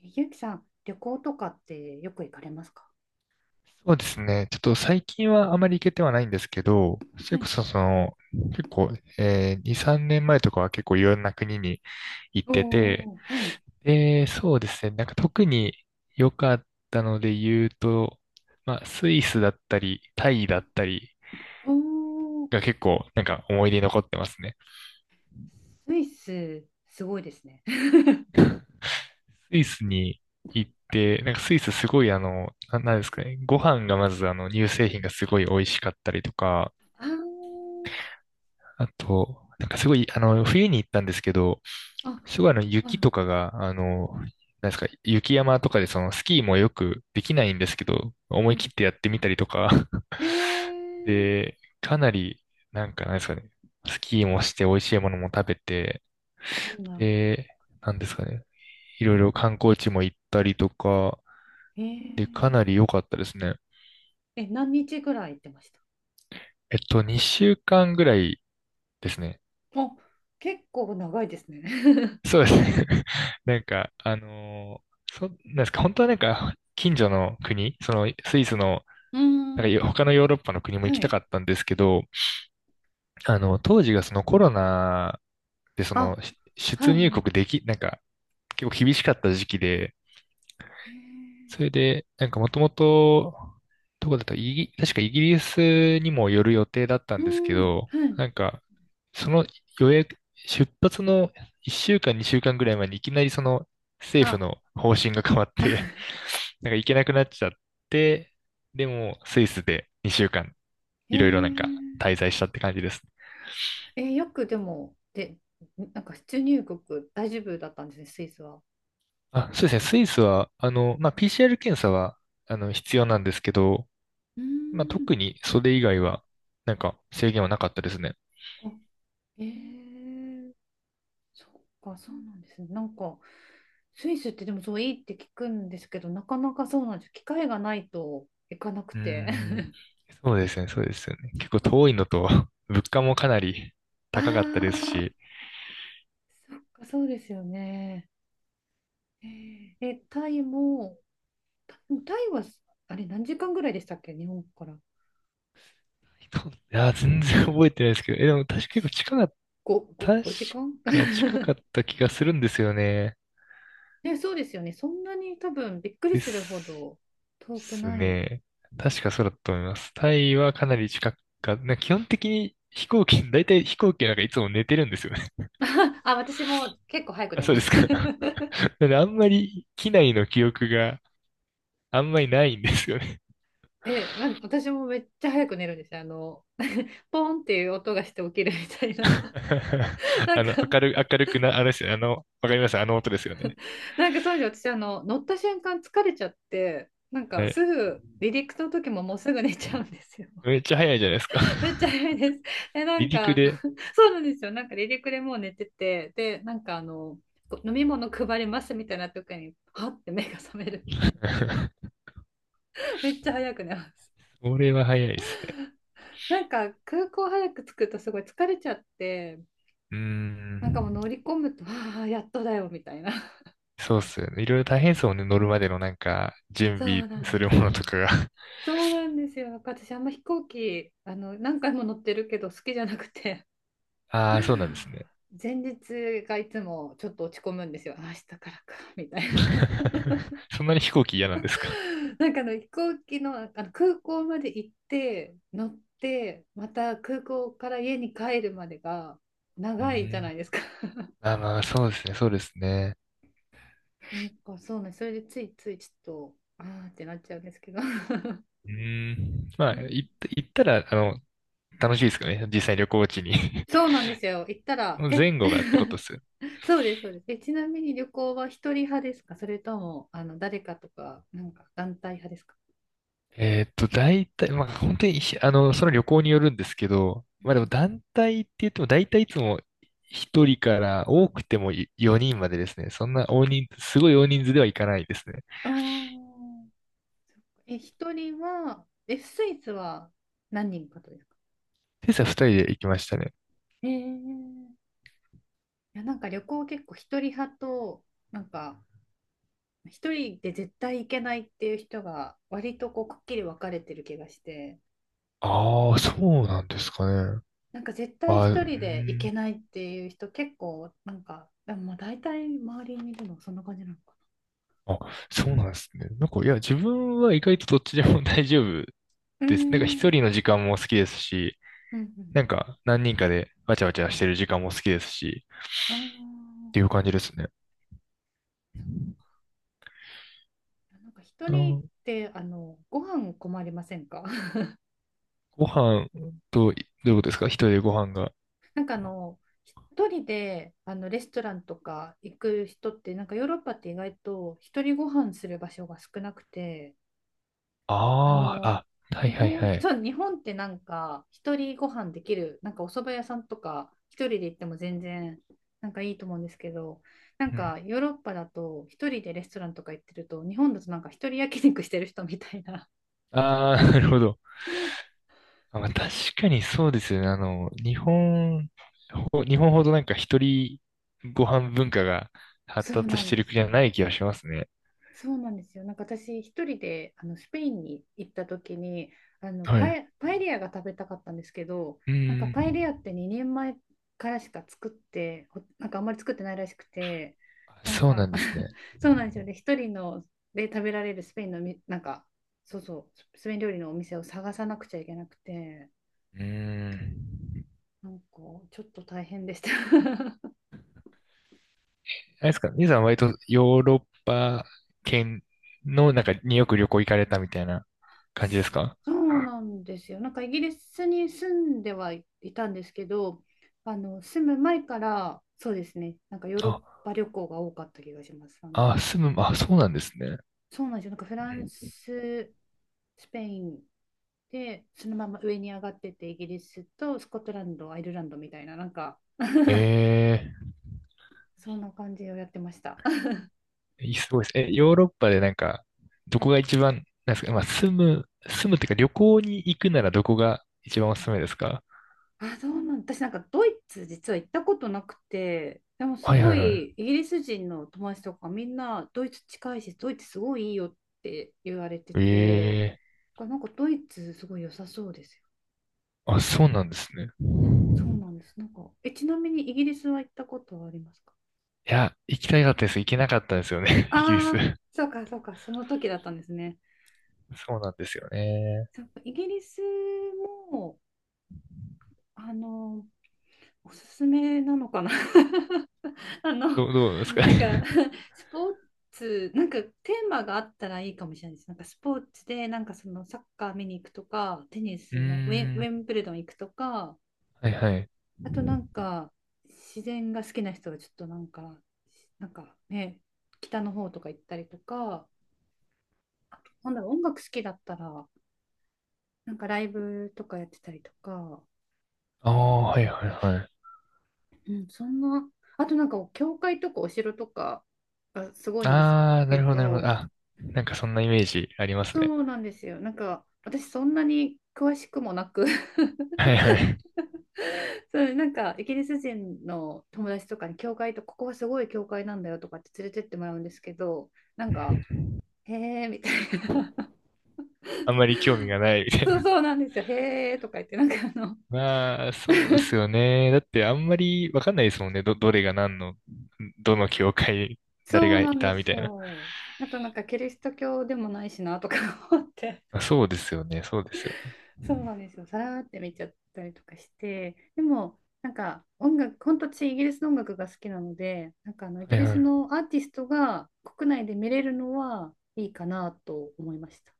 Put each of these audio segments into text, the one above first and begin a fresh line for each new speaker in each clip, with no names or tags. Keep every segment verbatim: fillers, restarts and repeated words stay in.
ゆうきさん、旅行とかってよく行かれますか？
そうですね。ちょっと最近はあまり行けてはないんですけど、そ
は
れこ
い。
そその、結構、えー、に、さんねんまえとかは結構いろんな国に行っ
お
てて、
おー、はい。
で、そうですね。なんか特に良かったので言うと、まあ、スイスだったり、タイだったり
おお、
が結構なんか思い出に残ってますね。
スイス、すごいですね。
スイスに行って、なんかスイスすごいあの、な、なんですかね。ご飯がまずあの、乳製品がすごい美味しかったりとか、
あー
あと、なんかすごい、あの、冬に行ったんですけど、
あ、
すごいあの
はい。
雪とかが、あの、なんですか、雪山とかでそのスキーもよくできないんですけど、思
う
い
ん。
切ってやってみたりとか。
へ え、
で、かなり、なんかなんですかね、スキーもして美味しいものも食べて、
いいな。
で、なんですかね、いろいろ観光地も行ったりとか、
へ
で、かな
え。
り良かったですね。
え、何日ぐらい行ってました？
えっと、にしゅうかんぐらいですね。
あ、結構長いですね。
そうですね。なんか、あのーそ、なんですか、本当はなんか、近所の国、そのスイスの
うー
なん
ん。
か 他のヨーロッパの国も
は
行きたか
い。
ったんですけど、あの、当時がそのコロナでそ
あ、
のし
は
出入
い。
国でき、なんか結構厳しかった時期で、
へえ。
それで、なんかもともと、どこだったイギ、確かイギリスにも寄る予定だった
う
ん
ー
ですけ
ん、
ど、
はい。
なんか、その予約、出発のいっしゅうかん、にしゅうかんぐらい前にいきなりその政府
あ、
の方針が変わって、なんか行けなくなっちゃって、でもスイスでにしゅうかん
へ
いろいろなんか
え。
滞在したって感じです。
えーよくでも、で、なんか出入国大丈夫だったんですね、スイスは。
あ、そうですね。スイスは、あの、まあ、ピーシーアール 検査は、あの、必要なんですけど、
うー
まあ、
ん。
特にそれ以外は、なんか制限はなかったですね。
あ、えー、そっか、そうなんですね。なんか、スイスってでもそういいって聞くんですけど、なかなかそうなんですよ。機会がないと行かなく
うー
て。
ん。そうですね、そうですよね。結構遠いのと、物価もかなり
あ
高かったです
あ、
し、
そっか、そうですよね。えーえ、タイも、タ、タイは、あれ、何時間ぐらいでしたっけ、日本から。ご、
そういや、全然覚えてないですけど、え、でも確か結構近かっ
ご
た、
ご
確
ごじかん。
か近か った気がするんですよね。
ね、そうですよね。そんなに多分びっくり
で
するほ
す。
ど遠く
す
ない。
ね。確かそうだと思います。タイはかなり近くか、なんか基本的に飛行機、大体飛行機なんかいつも寝てるんですよね。
あ、私も結構早 く
あ、
寝
そ
ま
うで
す。
すか。なんであんまり機内の記憶があんまりないんですよね。
え、なん私もめっちゃ早く寝るんですよ。あの、ポンっていう音がして起きるみたいな。なん
あ
か、
の、明る、明るくな、あれですよね。あの、わかりますあの音ですよね。
なんか当時私、あの、乗った瞬間疲れちゃって、なんか
は
す
い。
ぐ離陸の時ももうすぐ寝ちゃうんですよ。
めっちゃ早いじゃないですか。
めっちゃ 早いです。え、な
離
ん
陸
か、
で。
そうなんですよ。なんか離陸でもう寝てて、で、なんかあの、こう飲み物配りますみたいな時に、はって目が覚めるみたいな。めっちゃ早く寝ます。
それは早いですね。
なんか空港早く着くとすごい疲れちゃって、
うー
なんかもう
ん。
乗り込むと、ああ、やっとだよみたいな。
そうっすよね。いろいろ大変そうね。乗るまでのなんか、準
そ
備
うなん
す
で
るも
す
の
よ。
とかが。
そうなんですよ。なんか私あんま飛行機、あの、何回も乗ってるけど好きじゃなくて、
ああ、そうなんです ね。
前日がいつもちょっと落ち込むんですよ。あ明日からか、みたいな。
そんなに飛行機嫌なんですか？
なんかあの飛行機の、あの空港まで行って、乗って、また空港から家に帰るまでが
うー
長いじゃな
ん。
いですか。
まあまあ、そうですね、そうですね。
なんかそうね、それでついついちょっと、あーってなっちゃうんですけど。
うーん。まあ、行っ
え
た行ったら、あの、楽しいですかね、実際旅行地に。
そうなんですよ。行った
そ
ら、
の
え。
前後がってこと です？
そうです、そうです。え、ちなみに旅行は一人派ですか？それとも、あの、誰かとか、なんか団体派ですか？
えーっと、大体、まあ、本当に、あの、その旅行によるんですけど、まあでも団体って言っても、大体いつもひとりから多くてもよにんまでですね。そんな大人、すごい大人数では行かないですね。
ああ。ーえ、一人は、え、スイスは何人かとですか？
今朝ふたりで行きましたね。
えー、いや、なんか旅行結構一人派と、なんか、一人で絶対行けないっていう人が、割とこう、くっきり分かれてる気がして。
ああ、そうなんですかね。
なんか絶対
あー、う
一
ー
人で行
ん。
けないっていう人結構なんか、でもまあ大体周りにいるのはそんな感じなのか
あ、そうなんですね。なんか、いや、自分は意外とどっちでも 大丈夫
な。うー
です。なんか一
ん。
人の時間も好きですし、
うんうん。
なんか何人かでわちゃわちゃしてる時間も好きですし、
あ
ってい
あ、
う感じですね。
そうなんか一
あ
人っ
ー、
てあのご飯困りませんか？
ご飯と、どういうことですか一人でご飯が。
なんかあの一人であのレストランとか行く人ってなんかヨーロッパって意外と一人ご飯する場所が少なくて、あ
ああ、
の、
あ、はい
日
はい
本、
はい。
そう、日本ってなんか、一人ご飯できる、なんかお蕎麦屋さんとか、一人で行っても全然、なんかいいと思うんですけど、なん
うん。
かヨーロッパだと、一人でレストランとか行ってると、日本だとなんか一人焼肉してる人みたいな。
ああ、なるほど。あ、まあ、確かにそうですよね。あの、日本、ほ日本ほどなんか一人ご飯文化が 発
そう
達
な
し
ん
て
で
る
す
国
よ。
はない気がしますね。
そうなんですよ。なんか私一人であのスペインに行った時に、あの
は
パ
い。
エ、パエリアが食べたかったんですけど、
う
なんかパエ
ん。
リアってにねんまえからしか作ってほなんかあんまり作ってないらしくて、なん
そうな
か
んですね。
そうなんですよね一人ので食べられるスペインのみなんか、そうそうスペイン料理のお店を探さなくちゃいけなくて、
うーん。
なんかちょっと大変でした。
あれですか、兄さんは割とヨーロッパ圏の中によく旅行行かれたみたいな感じですか？
そうなんですよ。なんかイギリスに住んではいたんですけど、あの住む前からそうですね、なんかヨーロッ
あ、
パ旅行が多かった気がします。あ
あ、
の、
住む、あ、そうなんですね。
そうなんですよ。なんかフラ
う
ンス、スペインで、そのまま上に上がってて、イギリスとスコットランド、アイルランドみたいな、なんか
え ー
そんな感じをやってました。
いいすごいです。え、ヨーロッパでなんか、どこが一番、なんですか、まあ、住む、住むっていうか旅行に行くならどこが一番おすすめですか？
あ、そうなん私なんかドイツ実は行ったことなくて、でもす
はいは
ご
いは
いイ
い。
ギリス人の友達とかみんなドイツ近いし、ドイツすごいいいよって言われてて、
ええ
なんかドイツすごい良さそうですよ。
ー、あ、そうなんですね。
そうなんです。なんか、え、ちなみにイギリスは行ったことはありますか？
いや、行きたかったです。行けなかったんですよね、イギリス。
ああ。ー、そうかそうか、その時だったんですね。
そうなんですよね。
そうか、イギリスも、あの、おすすめなのかな。 あの、
どう、どうですか？
なんか、スポーツ、なんかテーマがあったらいいかもしれないです。なんかスポーツで、なんかそのサッカー見に行くとか、テニ
う
スのウェン、
ー
ウ
ん。
ェンブルドン行くとか、
はいはい。
あとなんか、自然が好きな人はちょっとなんか、なんかね、北の方とか行ったりとか、あとなんだろう、音楽好きだったら、なんかライブとかやってたりとか、
ああ、はいはいはい。
うん、そんな、あとなんか、教会とかお城とかがすごいんです
ああ、な
け
るほどなるほど。
ど、
あ、なんかそんなイメージあります
そ
ね。
うなんですよ。なんか私そんなに詳しくもなく。
はいはい。
そうなんかイギリス人の友達とかに教会とここはすごい教会なんだよとかって連れてってもらうんですけど、なん
う
か
ん。
へえみたいな。
あんまり興味 がないみたい
そう
な。
そうなんですよへえとか言ってなんかあの、
まあ、そうですよね。だってあんまりわかんないですもんね。ど、どれが何の、どの教会、誰
そう
がい
なんで
たみ
す
たいな。
よ、あとなんかキリスト教でもないしなとか思って、
まあそうですよね。そうですよ。
そうなんですよ。さらーって見ちゃったりとかして、でも、なんか音楽、本当私イギリスの音楽が好きなので、なんかあのイギ
はい
リ
は
ス
い。
のアーティストが国内で見れるのはいいかなと思いました。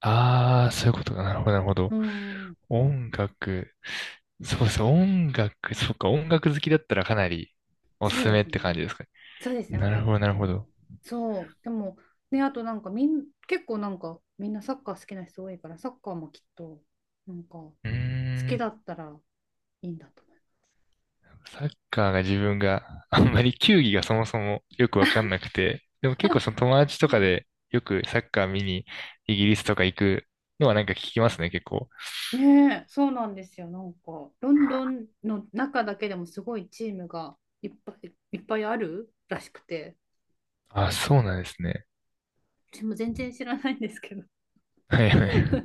ああ、そういうことか。なるほどなるほ
う
ど。
ん、
音楽。そうですね。音楽。そっか。音楽好きだったらかなりお
そ
す
う
す
で
めっ
す
て感じ
ね。
ですかね。
そうですね、
な
音
るほ
楽
ど、なる
と。
ほど。
そう、でも、ね、あとなんかみん、結構なんかみんなサッカー好きな人多いから、サッカーもきっと、なんか好
うー
きだ
ん。
ったらいいんだと思います。
サッカーが自分があんまり球技がそもそもよくわかんなくて、でも 結構
あ、
その友達とかでよくサッカー見にイギリスとか行くのはなんか聞きますね、結構。
ねえ、そうなんですよ。なんか、ロンドンの中だけでもすごいチームがいっぱいいっぱいあるらしくて、
あ、そうなんですね。
私も全然知らないんですけど。
はいはい。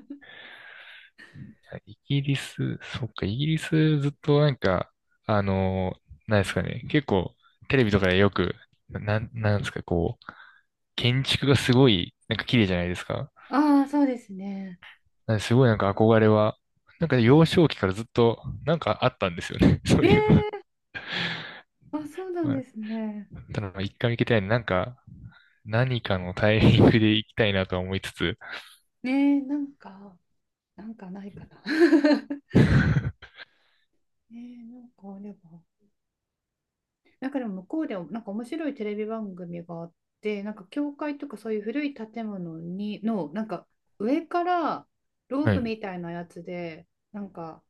イギリス、そっか、イギリスずっとなんか、あの、なんですかね、結構テレビとかでよく、な、なんなんですか、こう、建築がすごい、なんか綺麗じゃないですか。
ああ、そうですね。
なんですごいなんか憧れは、なんか幼少期からずっとなんかあったんですよね、そう
え
いうの。
え、あ、そうなん
まあ
ですね。
ただ、一回行きたいななんか、何かのタイミングで行きたいなとは思いつつ。
ねえ、なんか、なんかないかな。ねえ、なんかあれば。なんかでも向こうでもなんか面白いテレビ番組があって、なんか教会とかそういう古い建物にのなんか上からロー
は
プ
い。
みたいなやつでなんか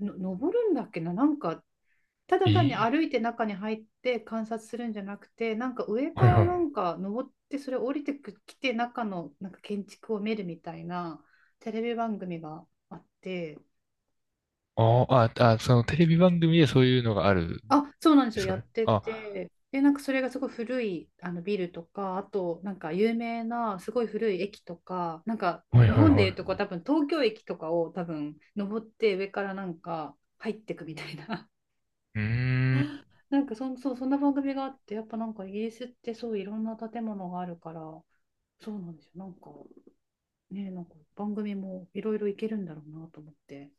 の登るんだっけな、なんかただ
え
単に
ー
歩いて中に入って観察するんじゃなくて、なんか上
は
か
い
ら
は
な
い。
んか登ってそれ降りてきて中のなんか建築を見るみたいなテレビ番組があって。
あーあ、あ、そのテレビ番組でそういうのがあるん
あ、そうなんです
で
よ。
すか
やっ
ね。
て
あ、
て。で、なんかそれがすごい古いあのビルとか、あとなんか有名なすごい古い駅とか、なんか
はい
日
はい
本で
は
いうとこう
い。
多分東京駅とかを多分登って上からなんか入ってくみたいな。
うーん。
なんかそん、そう、そんな番組があって、やっぱなんかイギリスってそういろんな建物があるから、そうなんですよ。なんかね、なんか番組もいろいろいけるんだろうなと思って。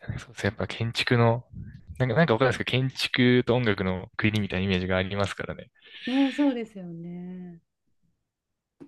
そうですね。やっぱ建築の、なんか、なんかわかんないですけど、建築と音楽の国みたいなイメージがありますからね。
ね、そうですよね。